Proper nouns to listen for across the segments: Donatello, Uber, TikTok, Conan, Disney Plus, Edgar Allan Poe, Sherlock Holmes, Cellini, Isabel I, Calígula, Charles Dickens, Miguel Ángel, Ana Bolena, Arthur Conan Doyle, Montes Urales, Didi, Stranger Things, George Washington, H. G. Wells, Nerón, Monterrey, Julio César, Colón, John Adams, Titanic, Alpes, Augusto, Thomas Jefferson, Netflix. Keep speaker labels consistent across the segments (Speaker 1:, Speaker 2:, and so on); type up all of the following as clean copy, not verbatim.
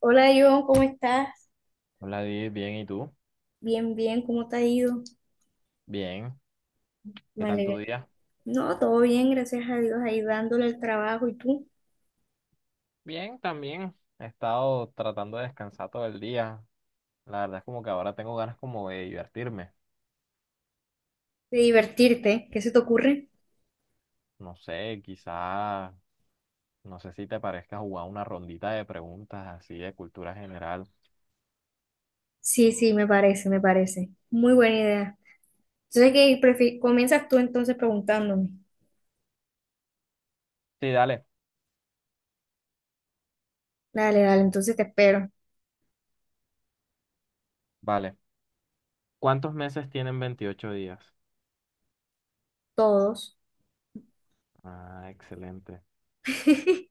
Speaker 1: Hola John, ¿cómo estás?
Speaker 2: Hola, Di, bien, ¿y tú?
Speaker 1: Bien, bien, ¿cómo te ha ido?
Speaker 2: Bien, ¿qué
Speaker 1: Me
Speaker 2: tal tu
Speaker 1: alegra.
Speaker 2: día?
Speaker 1: No, todo bien, gracias a Dios, ahí dándole el trabajo y tú,
Speaker 2: Bien, también he estado tratando de descansar todo el día. La verdad es como que ahora tengo ganas como de divertirme.
Speaker 1: de divertirte, ¿qué se te ocurre?
Speaker 2: No sé, quizá, no sé si te parezca jugar una rondita de preguntas así de cultura general.
Speaker 1: Sí, sí, me parece, me parece. Muy buena idea. Entonces, comienzas tú entonces preguntándome?
Speaker 2: Sí, dale,
Speaker 1: Dale, dale, entonces te espero.
Speaker 2: vale. ¿Cuántos meses tienen 28 días?
Speaker 1: Todos.
Speaker 2: Ah, excelente.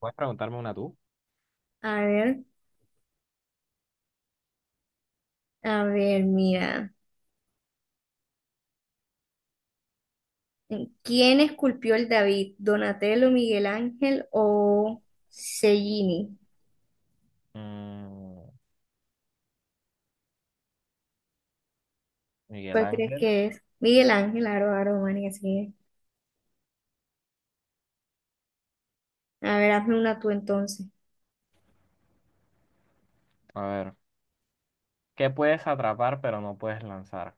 Speaker 2: ¿Puedes preguntarme una tú?
Speaker 1: A ver, a ver, mira. ¿Quién esculpió el David? ¿Donatello, Miguel Ángel o Cellini?
Speaker 2: Mm, Miguel
Speaker 1: ¿Cuál crees
Speaker 2: Ángel.
Speaker 1: que es? Miguel Ángel, Aro, Aro, María. A ver, hazme una tú entonces.
Speaker 2: A ver, ¿qué puedes atrapar pero no puedes lanzar?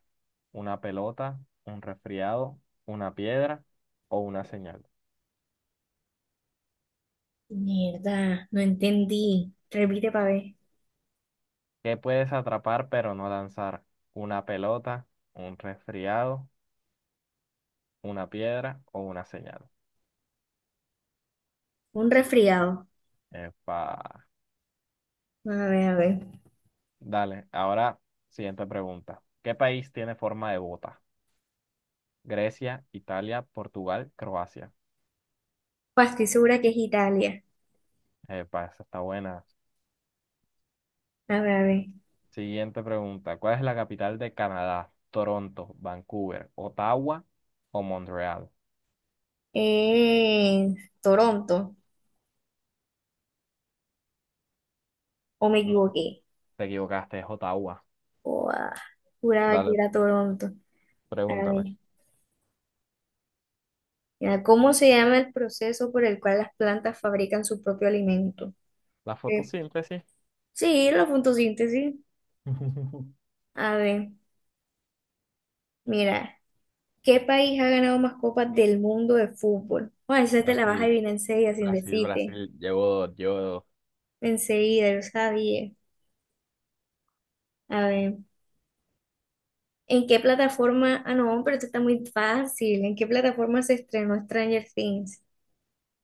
Speaker 2: Una pelota, un resfriado, una piedra o una señal.
Speaker 1: Mierda, no entendí. Repite para ver.
Speaker 2: ¿Qué puedes atrapar pero no lanzar? ¿Una pelota, un resfriado, una piedra o una señal?
Speaker 1: Un resfriado.
Speaker 2: Epa.
Speaker 1: A ver, a ver.
Speaker 2: Dale, ahora siguiente pregunta. ¿Qué país tiene forma de bota? Grecia, Italia, Portugal, Croacia.
Speaker 1: Pues estoy segura que es Italia.
Speaker 2: Epa, esa está buena.
Speaker 1: A ver, a ver.
Speaker 2: Siguiente pregunta. ¿Cuál es la capital de Canadá? Toronto, Vancouver, Ottawa o Montreal.
Speaker 1: Eh, Toronto. ¿O me
Speaker 2: No,
Speaker 1: equivoqué?
Speaker 2: te equivocaste, es Ottawa.
Speaker 1: Buah, juraba que
Speaker 2: Dale,
Speaker 1: era Toronto. A
Speaker 2: pregúntame.
Speaker 1: ver. Ya, ¿cómo se llama el proceso por el cual las plantas fabrican su propio alimento?
Speaker 2: La
Speaker 1: Eh,
Speaker 2: fotosíntesis.
Speaker 1: sí, la fotosíntesis. A ver, mira. ¿Qué país ha ganado más copas del mundo de fútbol? Bueno, esa te la vas a
Speaker 2: Brasil,
Speaker 1: adivinar enseguida sin
Speaker 2: Brasil,
Speaker 1: decirte.
Speaker 2: Brasil. Llevo
Speaker 1: Enseguida, yo sabía. A ver, ¿en qué plataforma? Ah, no, pero esto está muy fácil. ¿En qué plataforma se estrenó Stranger Things?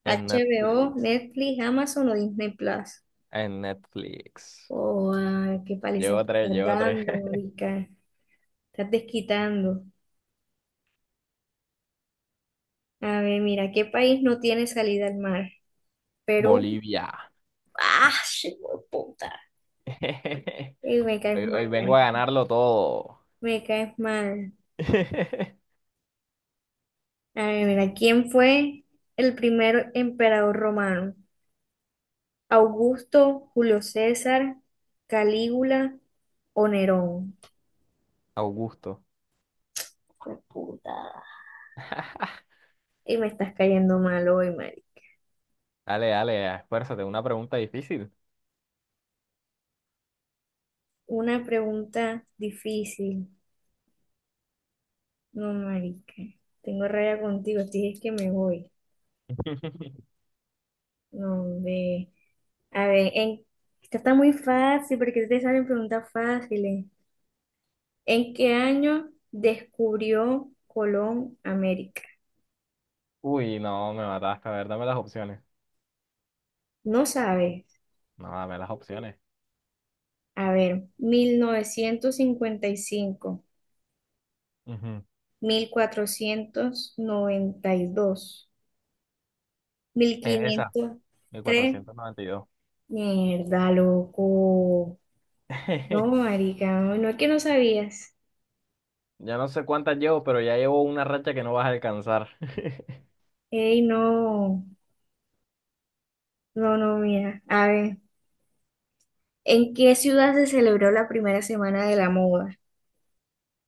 Speaker 2: En
Speaker 1: HBO,
Speaker 2: Netflix.
Speaker 1: Netflix, Amazon o Disney Plus.
Speaker 2: En Netflix.
Speaker 1: Oh, ah, qué paliza me
Speaker 2: Llevo tres,
Speaker 1: estás
Speaker 2: llevo tres.
Speaker 1: dando, marica. Estás desquitando. A ver, mira, ¿qué país no tiene salida al mar? Perú.
Speaker 2: Bolivia.
Speaker 1: ¡Ah, sí, puta! Ey, me caes
Speaker 2: Hoy,
Speaker 1: mal,
Speaker 2: hoy vengo a
Speaker 1: marica.
Speaker 2: ganarlo todo.
Speaker 1: Me caes mal. A ver, mira, ¿quién fue el primer emperador romano? ¿Augusto, Julio César, Calígula o Nerón?
Speaker 2: Augusto.
Speaker 1: Fue puta. Y me estás cayendo mal hoy, Mari.
Speaker 2: Dale, dale, esfuérzate. Una pregunta difícil.
Speaker 1: Una pregunta difícil. No, marica. Tengo raya contigo. Te dije que me voy. No, ve. A ver, esta está muy fácil porque te salen preguntas fáciles. ¿En qué año descubrió Colón América?
Speaker 2: Uy, no, me mataste. A ver, dame las opciones.
Speaker 1: No sabes.
Speaker 2: No, dame las opciones.
Speaker 1: A ver, mil novecientos cincuenta y cinco,
Speaker 2: Ujú.
Speaker 1: 1492, mil
Speaker 2: Es esa,
Speaker 1: quinientos
Speaker 2: mil
Speaker 1: tres,
Speaker 2: cuatrocientos noventa y dos
Speaker 1: Mierda, loco. No, marica, no, no es que no sabías.
Speaker 2: Ya no sé cuántas llevo, pero ya llevo una racha que no vas a alcanzar.
Speaker 1: Ey, no, no, no, mira. A ver, ¿en qué ciudad se celebró la primera semana de la moda?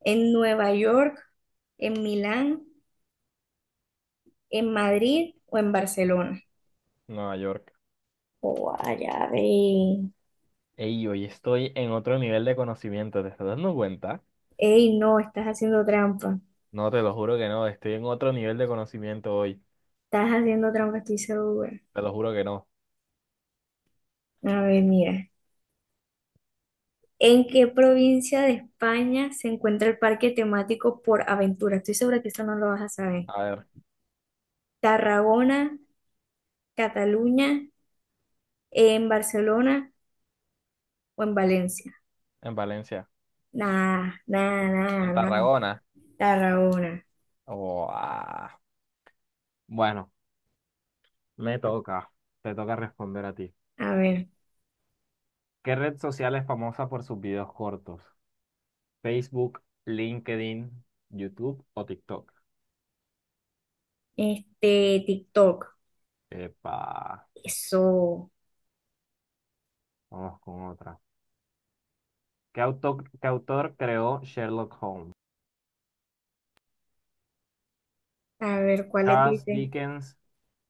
Speaker 1: ¿En Nueva York, en Milán, en Madrid o en Barcelona?
Speaker 2: Nueva York.
Speaker 1: Oh, ya ve.
Speaker 2: Ey, hoy estoy en otro nivel de conocimiento, ¿te estás dando cuenta?
Speaker 1: Ey, no, estás haciendo trampa.
Speaker 2: No, te lo juro que no, estoy en otro nivel de conocimiento hoy.
Speaker 1: Estás haciendo trampa, estoy segura.
Speaker 2: Te lo juro que no.
Speaker 1: A ver, mira. ¿En qué provincia de España se encuentra el parque temático Por Aventura? Estoy segura que esto no lo vas a saber.
Speaker 2: A ver,
Speaker 1: ¿Tarragona, Cataluña, en Barcelona o en Valencia?
Speaker 2: en Valencia.
Speaker 1: Nada, nada, nada,
Speaker 2: En
Speaker 1: nada.
Speaker 2: Tarragona.
Speaker 1: Tarragona.
Speaker 2: Oh, ah. Bueno, me toca. Te toca responder a ti.
Speaker 1: A ver.
Speaker 2: ¿Qué red social es famosa por sus videos cortos? ¿Facebook, LinkedIn, YouTube o TikTok?
Speaker 1: TikTok.
Speaker 2: Epa,
Speaker 1: Eso.
Speaker 2: vamos con otra. Qué autor creó Sherlock Holmes?
Speaker 1: A ver, ¿cuáles
Speaker 2: Charles
Speaker 1: dice?
Speaker 2: Dickens,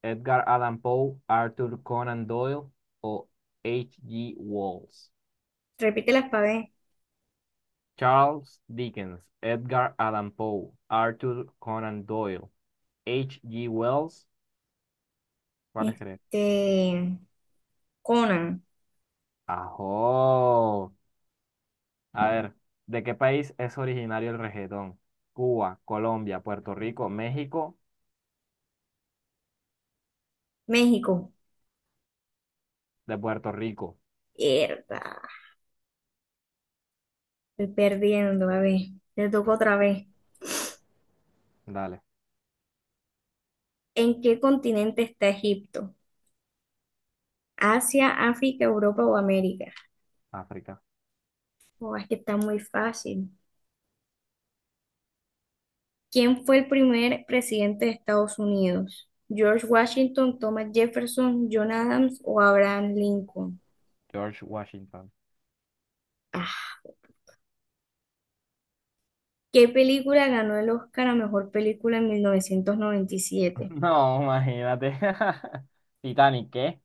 Speaker 2: Edgar Allan Poe, Arthur Conan Doyle o H. G. Wells.
Speaker 1: Repítelas para ver.
Speaker 2: Charles Dickens, Edgar Allan Poe, Arthur Conan Doyle, H. G. Wells. ¿Cuál es que
Speaker 1: Este, Conan.
Speaker 2: ¡ajo! A ver, ¿de qué país es originario el reggaetón? Cuba, Colombia, Puerto Rico, México,
Speaker 1: México.
Speaker 2: de Puerto Rico.
Speaker 1: Mierda. Estoy perdiendo, a ver, te toco otra vez.
Speaker 2: Dale,
Speaker 1: ¿En qué continente está Egipto? ¿Asia, África, Europa o América?
Speaker 2: África.
Speaker 1: Oh, es que está muy fácil. ¿Quién fue el primer presidente de Estados Unidos? ¿George Washington, Thomas Jefferson, John Adams o Abraham Lincoln?
Speaker 2: George Washington.
Speaker 1: Ah, ¿qué película ganó el Oscar a mejor película en 1997?
Speaker 2: No, imagínate. Titanic, ¿qué?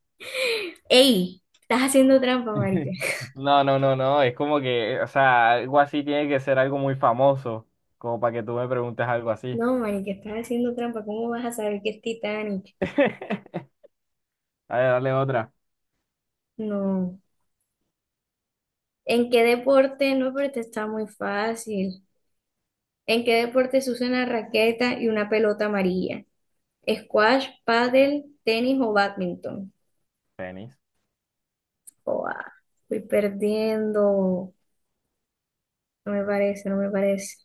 Speaker 1: ¡Ey! Estás haciendo trampa, marica.
Speaker 2: No, no, no, no. Es como que, o sea, algo así tiene que ser algo muy famoso, como para que tú me preguntes algo así.
Speaker 1: No, marica, estás haciendo trampa. ¿Cómo vas a saber que es Titanic?
Speaker 2: A ver, dale otra.
Speaker 1: No. ¿En qué deporte? No, pero esta está muy fácil. ¿En qué deporte se usa una raqueta y una pelota amarilla? ¿Squash, pádel, tenis o badminton?
Speaker 2: Tenis.
Speaker 1: Joa, estoy perdiendo. No me parece, no me parece.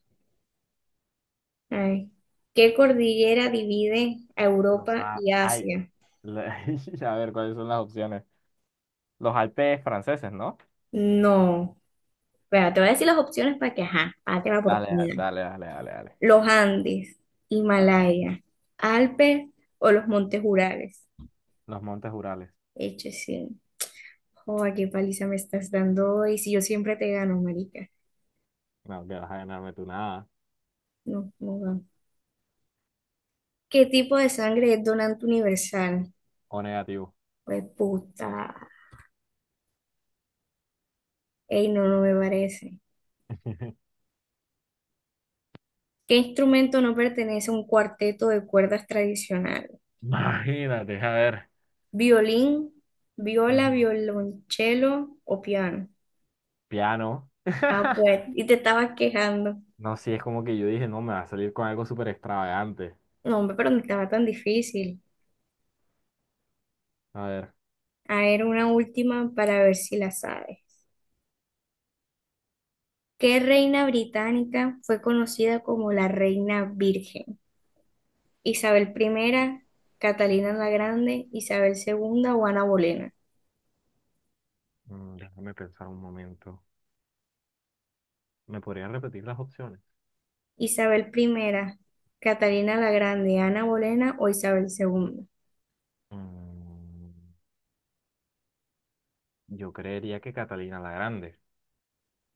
Speaker 1: Ay. ¿Qué cordillera divide a Europa y
Speaker 2: Ay,
Speaker 1: Asia?
Speaker 2: la- a ver, ¿cuáles son las opciones? Los Alpes franceses, ¿no?
Speaker 1: No. Espera, te voy a decir las opciones para que, ajá, para que la
Speaker 2: Dale,
Speaker 1: oportunidad.
Speaker 2: dale, dale, dale, dale.
Speaker 1: Los Andes,
Speaker 2: Ajá.
Speaker 1: Himalaya, Alpes o los Montes Urales.
Speaker 2: Los Montes Urales.
Speaker 1: Eche sí. Joder, qué paliza me estás dando hoy. Si yo siempre te gano, marica.
Speaker 2: No, que vas a ganarme tú nada.
Speaker 1: No, no gano. ¿Qué tipo de sangre es donante universal?
Speaker 2: O negativo.
Speaker 1: Pues puta. Ey, no, no me parece. ¿Qué instrumento no pertenece a un cuarteto de cuerdas tradicional?
Speaker 2: Imagínate, a ver.
Speaker 1: ¿Violín, viola,
Speaker 2: Ujú.
Speaker 1: violonchelo o piano?
Speaker 2: Piano.
Speaker 1: Ah, pues, y te estabas quejando.
Speaker 2: No, sí, es como que yo dije, no, me va a salir con algo súper extravagante.
Speaker 1: No, hombre, pero no estaba tan difícil.
Speaker 2: A ver,
Speaker 1: A ver, una última para ver si la sabes. ¿Qué reina británica fue conocida como la reina virgen? Isabel primera, Catalina la Grande, Isabel segunda, o Ana Bolena.
Speaker 2: mm, déjame pensar un momento. ¿Me podrían repetir las opciones?
Speaker 1: Isabel primera, Catalina la Grande, Ana Bolena o Isabel segunda.
Speaker 2: Mm, yo creería que Catalina la Grande,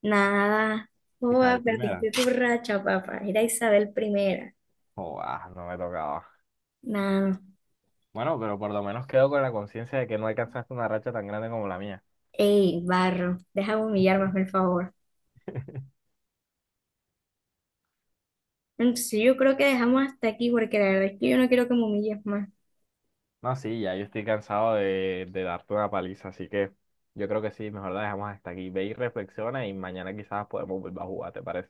Speaker 1: Nada.
Speaker 2: quizás
Speaker 1: Joda,
Speaker 2: el primera.
Speaker 1: perdiste tu racha, papá. Era Isabel primera.
Speaker 2: Oh, ah, no me tocaba.
Speaker 1: Nada.
Speaker 2: Bueno, pero por lo menos quedo con la conciencia de que no alcanzaste una racha tan grande como la mía.
Speaker 1: Ey, barro. Deja de humillarme, hazme el favor. Entonces yo creo que dejamos hasta aquí porque la verdad es que yo no quiero que me humilles más.
Speaker 2: No, sí, ya yo estoy cansado de darte una paliza, así que yo creo que sí, mejor la dejamos hasta aquí. Ve y reflexiona y mañana quizás podemos volver a jugar, ¿te parece?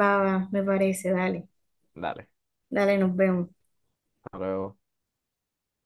Speaker 1: Va, va, me parece. Dale.
Speaker 2: Dale,
Speaker 1: Dale, nos vemos.
Speaker 2: hasta luego.